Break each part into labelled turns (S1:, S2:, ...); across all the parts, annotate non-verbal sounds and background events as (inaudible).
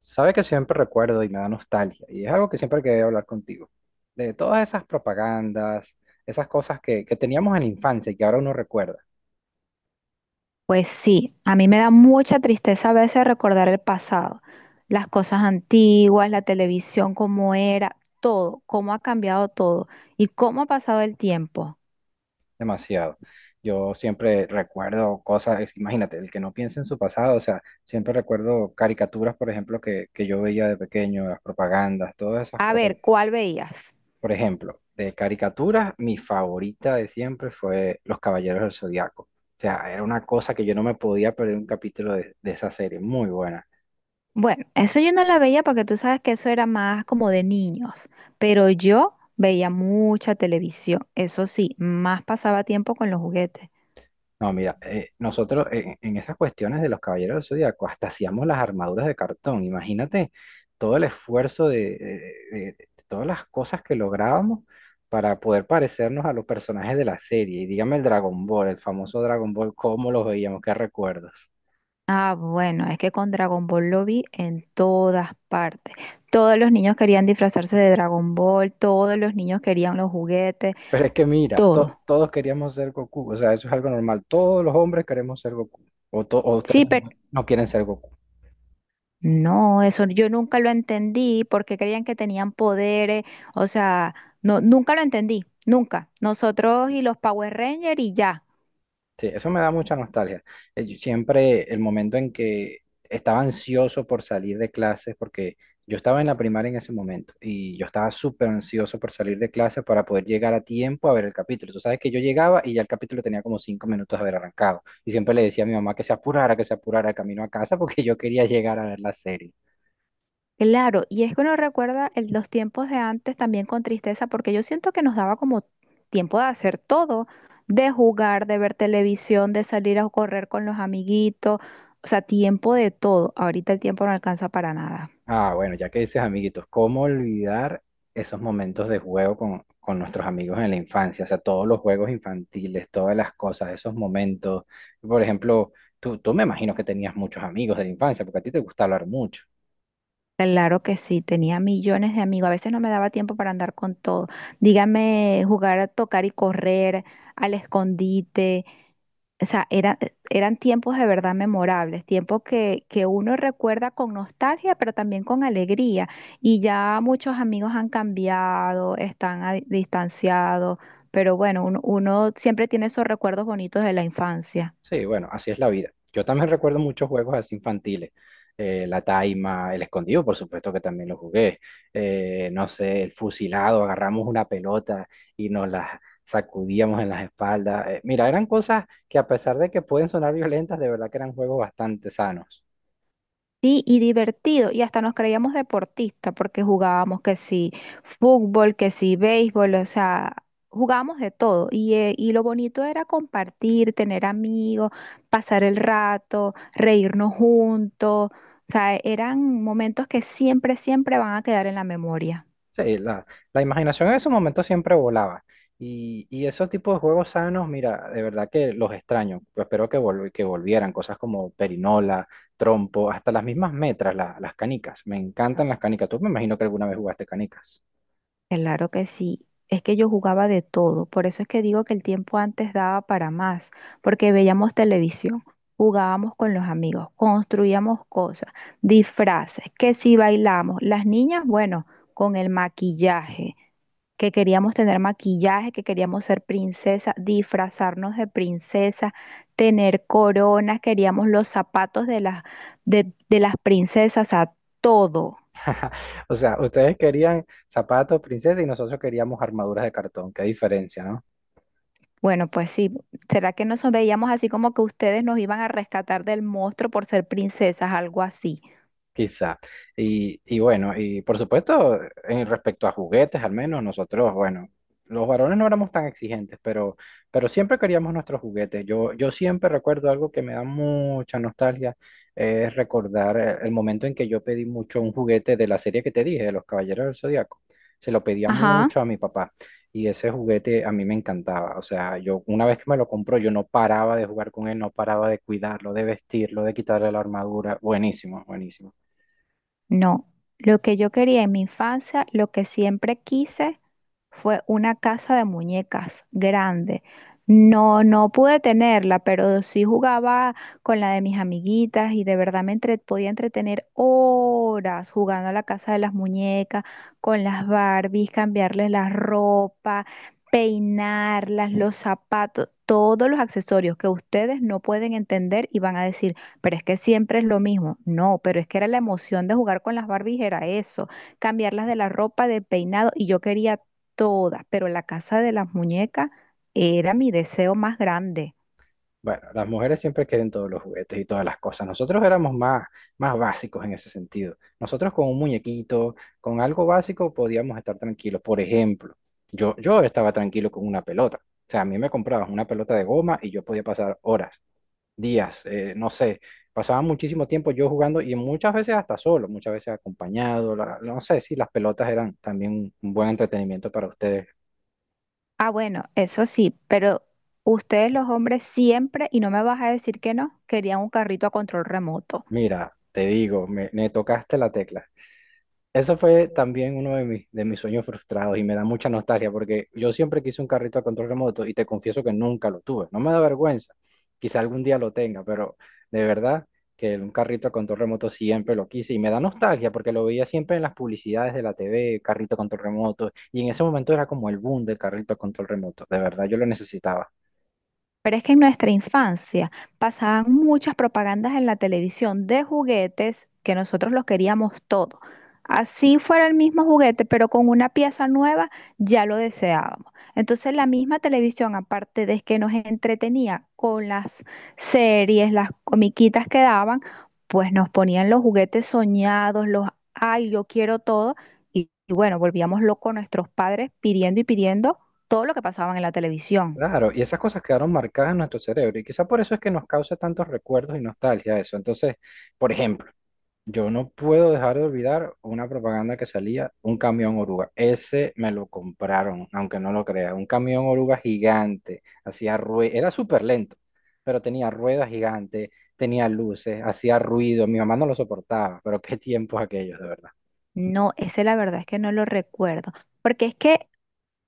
S1: Sabe que siempre recuerdo y me da nostalgia, y es algo que siempre quería hablar contigo, de todas esas propagandas, esas cosas que teníamos en la infancia y que ahora uno recuerda
S2: Pues sí, a mí me da mucha tristeza a veces recordar el pasado, las cosas antiguas, la televisión, cómo era, todo, cómo ha cambiado todo y cómo ha pasado el tiempo.
S1: demasiado. Yo siempre recuerdo cosas, imagínate, el que no piensa en su pasado, o sea, siempre recuerdo caricaturas, por ejemplo, que yo veía de pequeño, las propagandas, todas esas
S2: A
S1: cosas.
S2: ver, ¿cuál veías?
S1: Por ejemplo, de caricaturas, mi favorita de siempre fue Los Caballeros del Zodiaco. O sea, era una cosa que yo no me podía perder un capítulo de esa serie, muy buena.
S2: Bueno, eso yo no la veía porque tú sabes que eso era más como de niños, pero yo veía mucha televisión, eso sí, más pasaba tiempo con los juguetes.
S1: No, mira, nosotros en esas cuestiones de los Caballeros del Zodíaco hasta hacíamos las armaduras de cartón. Imagínate todo el esfuerzo de, de todas las cosas que lográbamos para poder parecernos a los personajes de la serie. Y dígame el Dragon Ball, el famoso Dragon Ball, cómo los veíamos, qué recuerdos.
S2: Ah, bueno, es que con Dragon Ball lo vi en todas partes. Todos los niños querían disfrazarse de Dragon Ball, todos los niños querían los juguetes,
S1: Pero es que mira,
S2: todo.
S1: todos queríamos ser Goku, o sea, eso es algo normal. Todos los hombres queremos ser Goku. O, o ustedes
S2: Sí, pero
S1: no quieren ser Goku.
S2: no, eso yo nunca lo entendí porque creían que tenían poderes, o sea, no, nunca lo entendí, nunca. Nosotros y los Power Rangers y ya.
S1: Sí, eso me da mucha nostalgia. Yo siempre el momento en que estaba ansioso por salir de clases, porque yo estaba en la primaria en ese momento y yo estaba súper ansioso por salir de clases para poder llegar a tiempo a ver el capítulo. Tú sabes que yo llegaba y ya el capítulo tenía como 5 minutos de haber arrancado. Y siempre le decía a mi mamá que se apurara camino a casa (laughs) porque yo quería llegar a ver la serie.
S2: Claro, y es que uno recuerda los tiempos de antes también con tristeza, porque yo siento que nos daba como tiempo de hacer todo, de jugar, de ver televisión, de salir a correr con los amiguitos, o sea, tiempo de todo. Ahorita el tiempo no alcanza para nada.
S1: Ah, bueno, ya que dices amiguitos, ¿cómo olvidar esos momentos de juego con nuestros amigos en la infancia? O sea, todos los juegos infantiles, todas las cosas, esos momentos. Por ejemplo, tú me imagino que tenías muchos amigos de la infancia, porque a ti te gusta hablar mucho.
S2: Claro que sí, tenía millones de amigos, a veces no me daba tiempo para andar con todo. Dígame, jugar a tocar y correr, al escondite. O sea, era- Eran tiempos de verdad memorables, tiempos que uno recuerda con nostalgia, pero también con alegría. Y ya muchos amigos han cambiado, están distanciados, pero bueno, uno siempre tiene esos recuerdos bonitos de la infancia.
S1: Sí, bueno, así es la vida. Yo también recuerdo muchos juegos así infantiles. La taima, el escondido, por supuesto que también lo jugué. No sé, el fusilado, agarramos una pelota y nos la sacudíamos en las espaldas. Mira, eran cosas que a pesar de que pueden sonar violentas, de verdad que eran juegos bastante sanos.
S2: Sí, y divertido, y hasta nos creíamos deportistas porque jugábamos que sí fútbol, que sí béisbol, o sea, jugábamos de todo. Y lo bonito era compartir, tener amigos, pasar el rato, reírnos juntos. O sea, eran momentos que siempre, siempre van a quedar en la memoria.
S1: Sí, la imaginación en esos momentos siempre volaba. Y esos tipos de juegos sanos, mira, de verdad que los extraño. Yo espero que volvieran cosas como perinola, trompo, hasta las mismas metras, las canicas. Me encantan las canicas. Tú me imagino que alguna vez jugaste canicas.
S2: Claro que sí. Es que yo jugaba de todo. Por eso es que digo que el tiempo antes daba para más, porque veíamos televisión, jugábamos con los amigos, construíamos cosas, disfraces, que si bailamos, las niñas, bueno, con el maquillaje, que queríamos tener maquillaje, que queríamos ser princesa, disfrazarnos de princesa, tener coronas, queríamos los zapatos de las, de las princesas, a todo.
S1: (laughs) O sea, ustedes querían zapatos, princesa, y nosotros queríamos armaduras de cartón. Qué diferencia, ¿no?
S2: Bueno, pues sí. ¿Será que nos veíamos así como que ustedes nos iban a rescatar del monstruo por ser princesas, algo así?
S1: Quizá. Y bueno, y por supuesto, en respecto a juguetes, al menos nosotros, bueno, los varones no éramos tan exigentes, pero siempre queríamos nuestros juguetes. Yo siempre recuerdo algo que me da mucha nostalgia, es recordar el momento en que yo pedí mucho un juguete de la serie que te dije, de los Caballeros del Zodiaco. Se lo pedía
S2: Ajá.
S1: mucho a mi papá y ese juguete a mí me encantaba. O sea, yo una vez que me lo compró, yo no paraba de jugar con él, no paraba de cuidarlo, de vestirlo, de quitarle la armadura. Buenísimo, buenísimo.
S2: No, lo que yo quería en mi infancia, lo que siempre quise fue una casa de muñecas grande. No, no pude tenerla, pero sí jugaba con la de mis amiguitas y de verdad podía entretener horas jugando a la casa de las muñecas, con las Barbies, cambiarles la ropa, peinarlas, los zapatos, todos los accesorios que ustedes no pueden entender y van a decir. Pero es que siempre es lo mismo. No, pero es que era la emoción de jugar con las Barbies, era eso. Cambiarlas de la ropa, de peinado, y yo quería todas, pero la casa de las muñecas era mi deseo más grande.
S1: Bueno, las mujeres siempre quieren todos los juguetes y todas las cosas. Nosotros éramos más básicos en ese sentido. Nosotros con un muñequito, con algo básico, podíamos estar tranquilos. Por ejemplo, yo estaba tranquilo con una pelota. O sea, a mí me comprabas una pelota de goma y yo podía pasar horas, días, no sé. Pasaba muchísimo tiempo yo jugando y muchas veces hasta solo, muchas veces acompañado. No sé si las pelotas eran también un buen entretenimiento para ustedes.
S2: Ah, bueno, eso sí, pero ustedes los hombres siempre, y no me vas a decir que no, querían un carrito a control remoto.
S1: Mira, te digo, me tocaste la tecla. Eso fue también uno de de mis sueños frustrados y me da mucha nostalgia porque yo siempre quise un carrito a control remoto y te confieso que nunca lo tuve. No me da vergüenza, quizá algún día lo tenga, pero de verdad que un carrito a control remoto siempre lo quise y me da nostalgia porque lo veía siempre en las publicidades de la TV, carrito a control remoto, y en ese momento era como el boom del carrito a control remoto. De verdad, yo lo necesitaba.
S2: Pero es que en nuestra infancia pasaban muchas propagandas en la televisión de juguetes que nosotros los queríamos todo. Así fuera el mismo juguete, pero con una pieza nueva ya lo deseábamos. Entonces la misma televisión, aparte de que nos entretenía con las series, las comiquitas que daban, pues nos ponían los juguetes soñados, los, ay, yo quiero todo. Y bueno, volvíamos locos nuestros padres pidiendo y pidiendo todo lo que pasaban en la televisión.
S1: Claro, y esas cosas quedaron marcadas en nuestro cerebro y quizá por eso es que nos causa tantos recuerdos y nostalgia eso. Entonces, por ejemplo. Yo no puedo dejar de olvidar una propaganda que salía, un camión oruga. Ese me lo compraron, aunque no lo creas. Un camión oruga gigante, hacía ruido, era súper lento, pero tenía ruedas gigantes, tenía luces, hacía ruido. Mi mamá no lo soportaba, pero qué tiempos aquellos, de verdad.
S2: No, ese la verdad es que no lo recuerdo, porque es que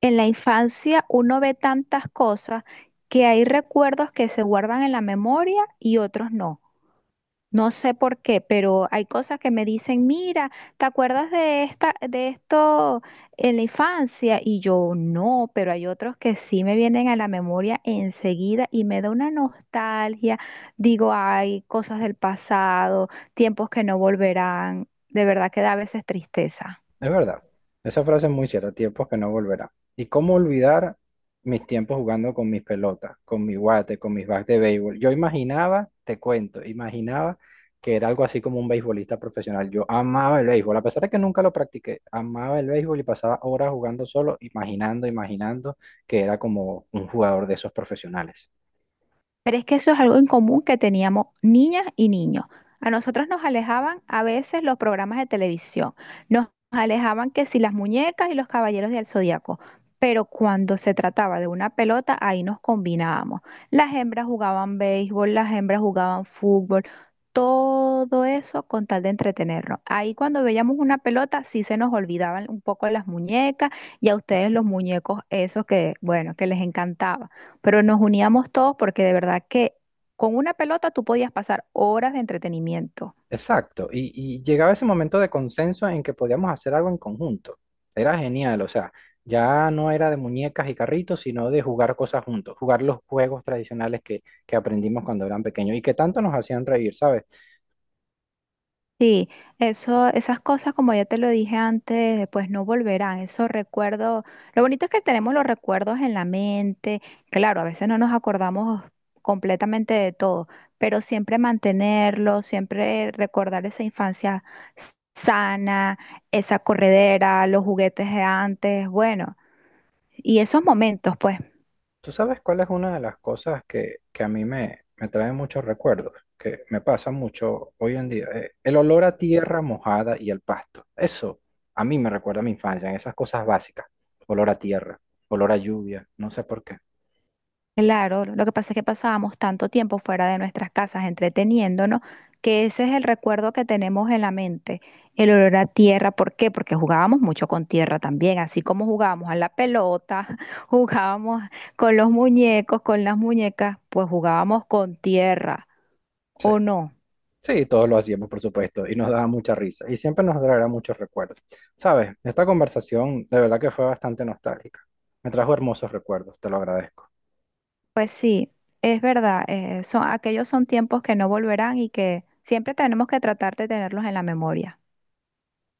S2: en la infancia uno ve tantas cosas que hay recuerdos que se guardan en la memoria y otros no. No sé por qué, pero hay cosas que me dicen, mira, ¿te acuerdas de esta, de esto en la infancia? Y yo no, pero hay otros que sí me vienen a la memoria enseguida y me da una nostalgia. Digo, hay cosas del pasado, tiempos que no volverán. De verdad que da a veces tristeza.
S1: Es verdad, esa frase es muy cierta, tiempos que no volverán. ¿Y cómo olvidar mis tiempos jugando con mis pelotas, con mi guate, con mis bats de béisbol? Yo imaginaba, te cuento, imaginaba que era algo así como un beisbolista profesional. Yo amaba el béisbol, a pesar de que nunca lo practiqué, amaba el béisbol y pasaba horas jugando solo, imaginando, imaginando que era como un jugador de esos profesionales.
S2: Pero es que eso es algo en común que teníamos niñas y niños. A nosotros nos alejaban a veces los programas de televisión, nos alejaban que si las muñecas y los Caballeros del Zodiaco, pero cuando se trataba de una pelota, ahí nos combinábamos. Las hembras jugaban béisbol, las hembras jugaban fútbol, todo eso con tal de entretenernos. Ahí cuando veíamos una pelota, sí se nos olvidaban un poco las muñecas y a ustedes los muñecos, esos que, bueno, que les encantaba, pero nos uníamos todos porque de verdad que con una pelota tú podías pasar horas de entretenimiento.
S1: Exacto, y llegaba ese momento de consenso en que podíamos hacer algo en conjunto. Era genial, o sea, ya no era de muñecas y carritos, sino de jugar cosas juntos, jugar los juegos tradicionales que aprendimos cuando eran pequeños y que tanto nos hacían reír, ¿sabes?
S2: Sí, eso, esas cosas, como ya te lo dije antes, pues no volverán. Esos recuerdos, lo bonito es que tenemos los recuerdos en la mente. Claro, a veces no nos acordamos completamente de todo, pero siempre mantenerlo, siempre recordar esa infancia sana, esa corredera, los juguetes de antes, bueno, y esos momentos, pues.
S1: ¿Tú sabes cuál es una de las cosas que a mí me trae muchos recuerdos, que me pasa mucho hoy en día? El olor a tierra mojada y el pasto. Eso a mí me recuerda a mi infancia, en esas cosas básicas. Olor a tierra, olor a lluvia, no sé por qué.
S2: Claro, lo que pasa es que pasábamos tanto tiempo fuera de nuestras casas entreteniéndonos, que ese es el recuerdo que tenemos en la mente, el olor a tierra. ¿Por qué? Porque jugábamos mucho con tierra también, así como jugábamos a la pelota, (laughs) jugábamos con los muñecos, con las muñecas, pues jugábamos con tierra,
S1: Sí.
S2: ¿o no?
S1: Sí, todos lo hacíamos, por supuesto, y nos daba mucha risa, y siempre nos traerá muchos recuerdos. Sabes, esta conversación de verdad que fue bastante nostálgica. Me trajo hermosos recuerdos, te lo agradezco.
S2: Pues sí, es verdad, son, aquellos son tiempos que no volverán y que siempre tenemos que tratar de tenerlos en la memoria.